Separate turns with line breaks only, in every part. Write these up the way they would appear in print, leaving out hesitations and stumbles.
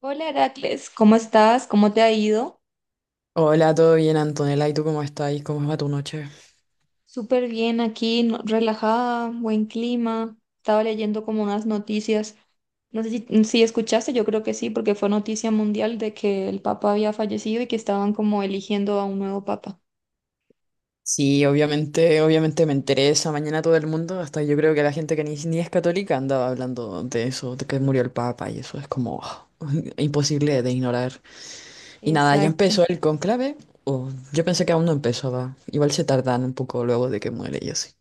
Hola Heracles, ¿cómo estás? ¿Cómo te ha ido?
Hola, ¿todo bien, Antonella? ¿Y tú cómo estás? ¿Cómo va tu noche?
Súper bien aquí, relajada, buen clima. Estaba leyendo como unas noticias. No sé si escuchaste, yo creo que sí, porque fue noticia mundial de que el papa había fallecido y que estaban como eligiendo a un nuevo papa.
Sí, obviamente me enteré esa mañana todo el mundo, hasta yo creo que la gente que ni es católica andaba hablando de eso, de que murió el Papa y eso es como ah, imposible de ignorar. Y nada, ya
Exacto.
empezó el conclave, o yo pensé que aún no empezaba, igual se tardan un poco luego de que muere y así.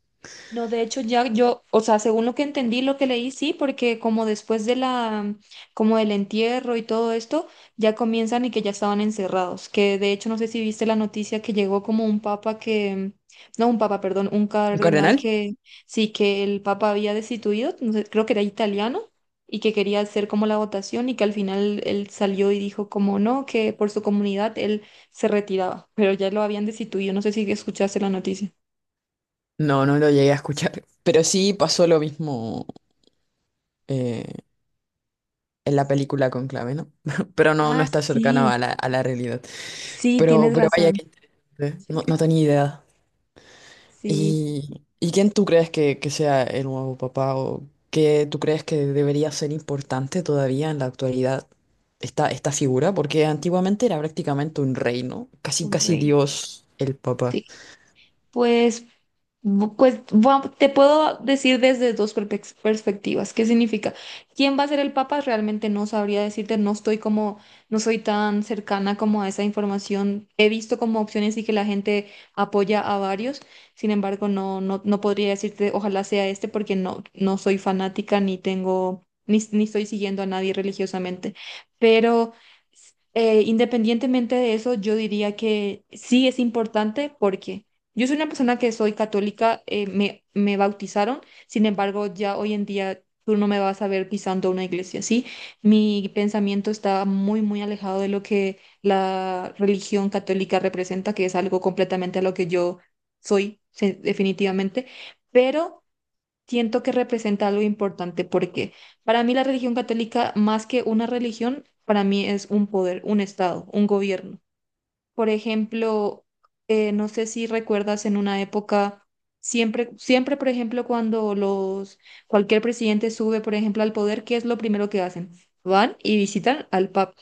No, de hecho ya yo, o sea, según lo que entendí, lo que leí, sí, porque como después de la, como del entierro y todo esto, ya comienzan y que ya estaban encerrados, que de hecho no sé si viste la noticia que llegó como un papa que, no, un papa, perdón, un
¿El
cardenal
cardenal?
que sí, que el papa había destituido, no sé, creo que era italiano, y que quería hacer como la votación, y que al final él salió y dijo como no, que por su comunidad él se retiraba, pero ya lo habían destituido, no sé si escuchaste la noticia.
No, no lo llegué a escuchar, pero sí pasó lo mismo eh, en la película Conclave, ¿no? Pero no, no
Ah,
está cercano
sí.
a la realidad.
Sí,
Pero,
tienes
pero vaya
razón.
que interesante. No, no tenía idea.
Sí,
¿Y quién tú crees que sea el nuevo papá o qué tú crees que debería ser importante todavía en la actualidad esta figura? Porque antiguamente era prácticamente un rey, no, casi
un
casi
rey.
Dios el papá.
Sí. Pues, pues te puedo decir desde dos perspectivas. ¿Qué significa? ¿Quién va a ser el Papa? Realmente no sabría decirte, no estoy como, no soy tan cercana como a esa información. He visto como opciones y que la gente apoya a varios. Sin embargo, no podría decirte, ojalá sea este, porque no soy fanática ni tengo, ni estoy siguiendo a nadie religiosamente. Pero independientemente de eso, yo diría que sí es importante, porque yo soy una persona que soy católica, me bautizaron. Sin embargo, ya hoy en día tú no me vas a ver pisando una iglesia, ¿sí? Mi pensamiento está muy, muy alejado de lo que la religión católica representa, que es algo completamente a lo que yo soy, definitivamente, pero siento que representa algo importante, porque para mí la religión católica, más que una religión, para mí es un poder, un estado, un gobierno. Por ejemplo, no sé si recuerdas en una época, siempre, siempre, por ejemplo, cuando los, cualquier presidente sube, por ejemplo, al poder, ¿qué es lo primero que hacen? Van y visitan al Papa.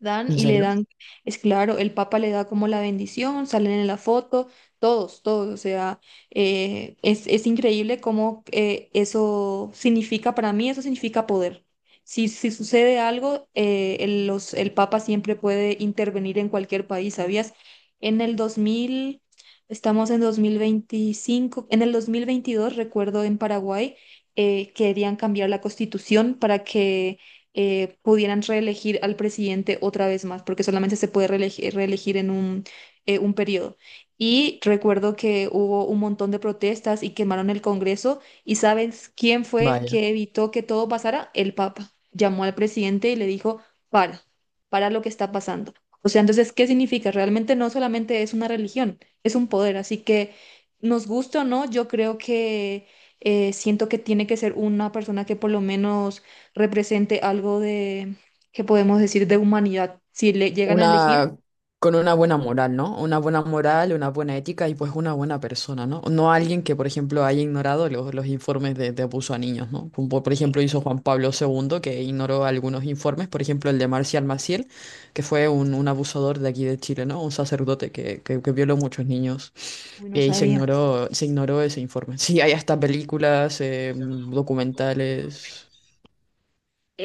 Dan
¿En
y le
serio?
dan, es claro, el Papa le da como la bendición, salen en la foto, todos, todos, o sea, es increíble cómo eso significa, para mí eso significa poder. Si, si sucede algo, el, los, el Papa siempre puede intervenir en cualquier país, ¿sabías? En el 2000, estamos en 2025, en el 2022, recuerdo en Paraguay, querían cambiar la constitución para que pudieran reelegir al presidente otra vez más, porque solamente se puede reelegir en un periodo. Y recuerdo que hubo un montón de protestas y quemaron el Congreso. ¿Y sabes quién fue
Vaya.
que evitó que todo pasara? El Papa. Llamó al presidente y le dijo, para, para lo que está pasando. O sea, entonces, ¿qué significa? Realmente no solamente es una religión, es un poder. Así que, nos gusta o no, yo creo que siento que tiene que ser una persona que por lo menos represente algo de, que podemos decir, de humanidad. Si le llegan a elegir,
Una, con una buena moral, ¿no? Una buena moral, una buena ética y pues una buena persona, ¿no? No alguien que, por ejemplo, haya ignorado los informes de abuso a niños, ¿no? Como por ejemplo hizo Juan Pablo segundo, que ignoró algunos informes, por ejemplo el de Marcial Maciel, que fue un abusador de aquí de Chile, ¿no? Un sacerdote que violó muchos niños
uy, no
y se
sabía.
ignoró, se ignoró ese informe. Sí, hay hasta películas, documentales,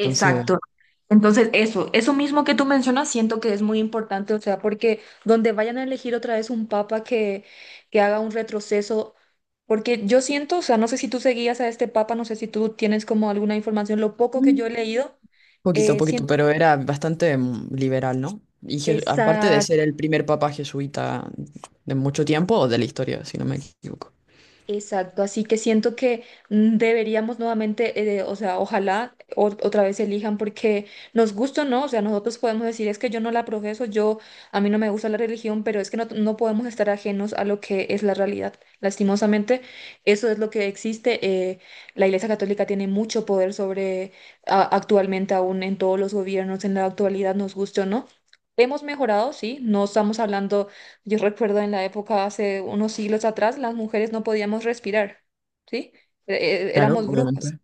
entonces...
Entonces, eso mismo que tú mencionas, siento que es muy importante, o sea, porque donde vayan a elegir otra vez un papa que haga un retroceso, porque yo siento, o sea, no sé si tú seguías a este papa, no sé si tú tienes como alguna información, lo poco que yo he leído,
Poquito, poquito,
siento.
pero era bastante liberal, ¿no? Y aparte de ser el primer papa jesuita de mucho tiempo o de la historia, si no me equivoco.
Exacto, así que siento que deberíamos nuevamente, o sea, ojalá otra vez elijan, porque nos gusta o no, o sea, nosotros podemos decir es que yo no la profeso, yo a mí no me gusta la religión, pero es que no podemos estar ajenos a lo que es la realidad. Lastimosamente, eso es lo que existe. eh, la Iglesia Católica tiene mucho poder sobre actualmente aún en todos los gobiernos, en la actualidad, nos gusta, o no. Hemos mejorado, sí, no estamos hablando. Yo recuerdo en la época, hace unos siglos atrás, las mujeres no podíamos respirar, ¿sí?
Claro,
Éramos brujas.
obviamente.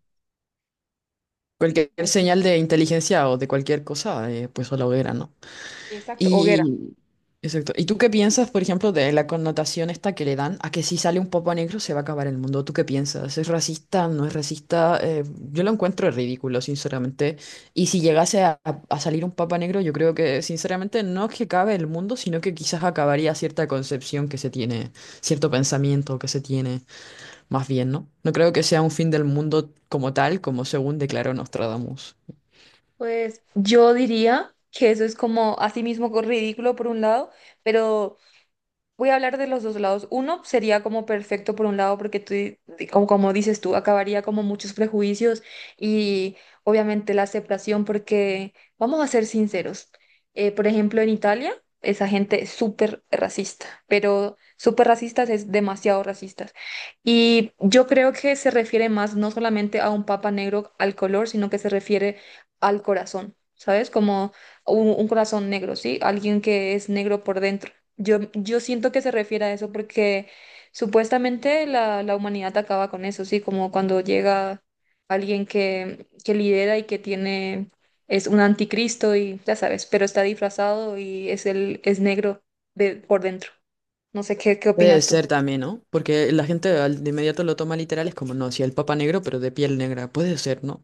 Cualquier
Así.
señal de inteligencia o de cualquier cosa, pues a la hoguera, ¿no?
Exacto, hoguera.
Y, exacto. ¿Y tú qué piensas, por ejemplo, de la connotación esta que le dan a que si sale un popo negro se va a acabar el mundo? ¿Tú qué piensas? ¿Es racista? ¿No es racista? Yo lo encuentro ridículo, sinceramente. Y si llegase a, a salir un papa negro, yo creo que, sinceramente, no es que acabe el mundo, sino que quizás acabaría cierta concepción que se tiene, cierto pensamiento que se tiene, más bien, ¿no? No creo que sea un fin del mundo como tal, como según declaró Nostradamus.
Pues yo diría que eso es como así mismo ridículo por un lado, pero voy a hablar de los dos lados. Uno sería como perfecto por un lado, porque tú, como, como dices tú, acabaría como muchos prejuicios, y obviamente la aceptación, porque vamos a ser sinceros. Por ejemplo, en Italia, esa gente es súper racista, pero súper racistas, es demasiado racistas. Y yo creo que se refiere más no solamente a un papa negro al color, sino que se refiere al corazón, ¿sabes? Como un corazón negro, ¿sí? Alguien que es negro por dentro. Yo siento que se refiere a eso porque supuestamente la humanidad acaba con eso, sí, como cuando llega alguien que lidera y que tiene, es un anticristo y ya sabes, pero está disfrazado y es el, es negro de, por dentro. No sé qué, qué
Puede
opinas tú.
ser también, ¿no? Porque la gente de inmediato lo toma literal, es como, no, si el Papa Negro, pero de piel negra, puede ser, ¿no?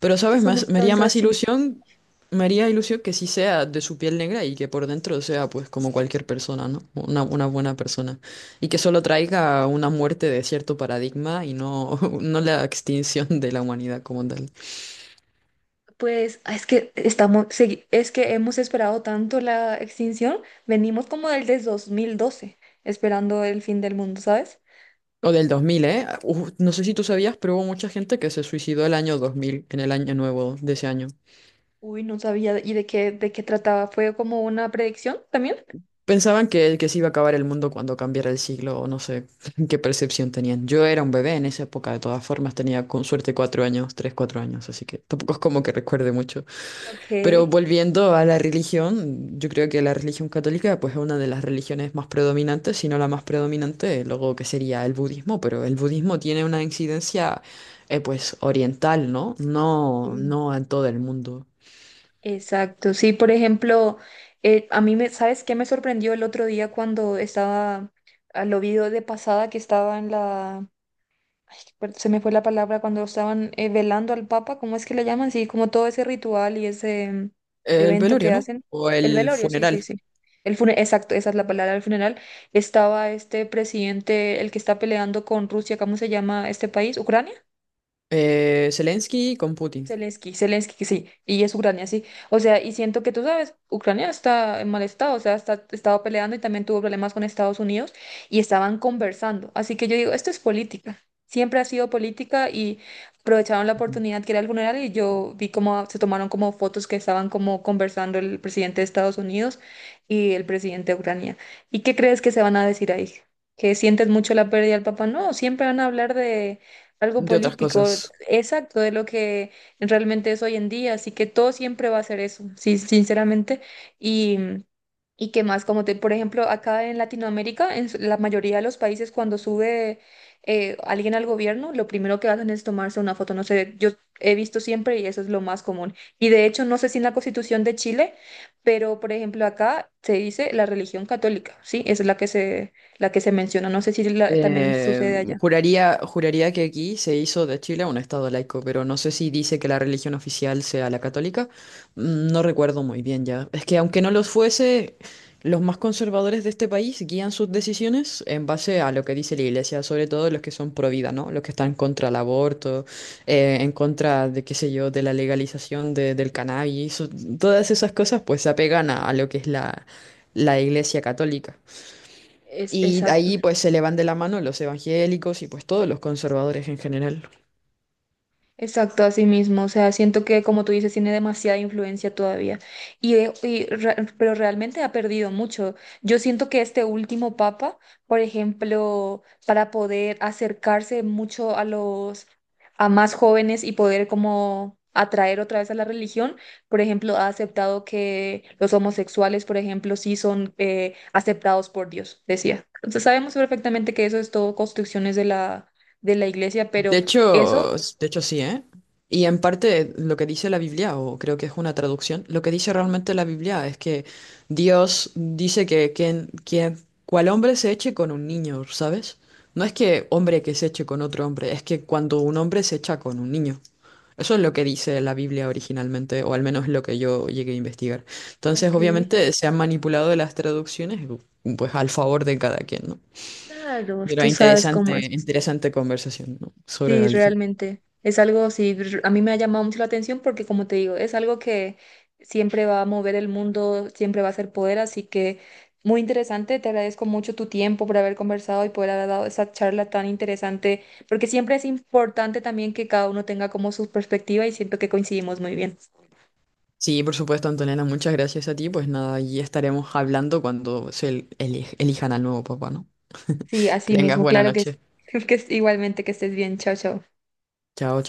Pero,
Que
¿sabes? Más,
somos
me
tan
haría más
racistas.
ilusión, me haría ilusión que sí sea de su piel negra y que por dentro sea, pues, como cualquier persona, ¿no? Una buena persona. Y que solo traiga una muerte de cierto paradigma y no, no la extinción de la humanidad como tal.
Pues ah, es que estamos, es que hemos esperado tanto la extinción, venimos como desde 2012 esperando el fin del mundo, ¿sabes?
O del 2000, ¿eh? Uf, no sé si tú sabías, pero hubo mucha gente que se suicidó el año 2000, en el año nuevo de ese año.
Uy, no sabía. ¿Y de qué trataba? ¿Fue como una predicción también?
Pensaban que se iba a acabar el mundo cuando cambiara el siglo, o no sé qué percepción tenían. Yo era un bebé en esa época, de todas formas, tenía con suerte cuatro años, tres, cuatro años, así que tampoco es como que recuerde mucho.
Ok.
Pero volviendo a la religión, yo creo que la religión católica pues, es una de las religiones más predominantes, si no la más predominante, luego que sería el budismo, pero el budismo tiene una incidencia pues oriental, ¿no? No,
Sí.
no en todo el mundo.
Exacto. Sí, por ejemplo, a mí me, ¿sabes qué me sorprendió el otro día cuando estaba, ah, lo vi de pasada que estaba en la ay, se me fue la palabra cuando estaban velando al Papa, ¿cómo es que le llaman? Sí, como todo ese ritual y ese
El
evento
velorio,
que
¿no?
hacen.
O
El
el
velorio, sí, sí,
funeral.
sí. El exacto, esa es la palabra, el funeral. Estaba este presidente, el que está peleando con Rusia, ¿cómo se llama este país? ¿Ucrania?
Zelensky con Putin.
Zelensky, Zelensky, sí, y es Ucrania, sí. O sea, y siento que tú sabes, Ucrania está en mal estado, o sea, está, estaba peleando, y también tuvo problemas con Estados Unidos, y estaban conversando. Así que yo digo, esto es política, siempre ha sido política, y aprovecharon la
Ujú.
oportunidad que era el funeral, y yo vi cómo se tomaron como fotos que estaban como conversando el presidente de Estados Unidos y el presidente de Ucrania. ¿Y qué crees que se van a decir ahí? ¿Que sientes mucho la pérdida del papá? No, siempre van a hablar de algo
De otras
político,
cosas.
exacto, de lo que realmente es hoy en día, así que todo siempre va a ser eso, sí, sinceramente. Y, y qué más, como te, por ejemplo, acá en Latinoamérica, en la mayoría de los países, cuando sube alguien al gobierno, lo primero que hacen es tomarse una foto, no sé, yo he visto siempre, y eso es lo más común. Y de hecho, no sé si en la Constitución de Chile, pero por ejemplo, acá se dice la religión católica, ¿sí? Esa es la que se menciona, no sé si también
Eh,
sucede allá.
juraría, juraría que aquí se hizo de Chile un estado laico, pero no sé si dice que la religión oficial sea la católica. Mm, no recuerdo muy bien ya. Es que aunque no los fuese, los más conservadores de este país guían sus decisiones en base a lo que dice la iglesia, sobre todo los que son pro vida, ¿no? Los que están contra el aborto, en contra de, qué sé yo, de la legalización del cannabis. Todas esas cosas pues se apegan a lo que es la iglesia católica.
Es
Y
exacto.
ahí pues se le van de la mano los evangélicos y pues todos los conservadores en general.
Exacto, así mismo. O sea, siento que, como tú dices, tiene demasiada influencia todavía. Y pero realmente ha perdido mucho. Yo siento que este último papa, por ejemplo, para poder acercarse mucho a los, a más jóvenes, y poder como atraer otra vez a la religión, por ejemplo, ha aceptado que los homosexuales, por ejemplo, sí son aceptados por Dios, decía. Entonces sabemos perfectamente que eso es todo construcciones de la iglesia, pero eso...
De hecho sí, ¿eh? Y en parte lo que dice la Biblia, o creo que es una traducción, lo que dice realmente la Biblia es que Dios dice que cual hombre se eche con un niño, ¿sabes? No es que hombre que se eche con otro hombre, es que cuando un hombre se echa con un niño. Eso es lo que dice la Biblia originalmente, o al menos lo que yo llegué a investigar. Entonces,
Ok.
obviamente, se han manipulado las traducciones, pues al favor de cada quien, ¿no?
Claro,
Pero
tú sabes cómo
interesante,
haces.
interesante conversación, ¿no? Sobre
Sí,
la religión.
realmente. Es algo, sí, a mí me ha llamado mucho la atención porque, como te digo, es algo que siempre va a mover el mundo, siempre va a ser poder, así que muy interesante. Te agradezco mucho tu tiempo por haber conversado y por haber dado esa charla tan interesante, porque siempre es importante también que cada uno tenga como su perspectiva, y siento que coincidimos muy bien.
Sí, por supuesto, Antonella, muchas gracias a ti. Pues nada, y estaremos hablando cuando se elijan al nuevo papá, ¿no?
Sí,
Que
así
tengas
mismo,
buena
claro que sí.
noche.
Que igualmente, que estés bien. Chao, chao.
Chao.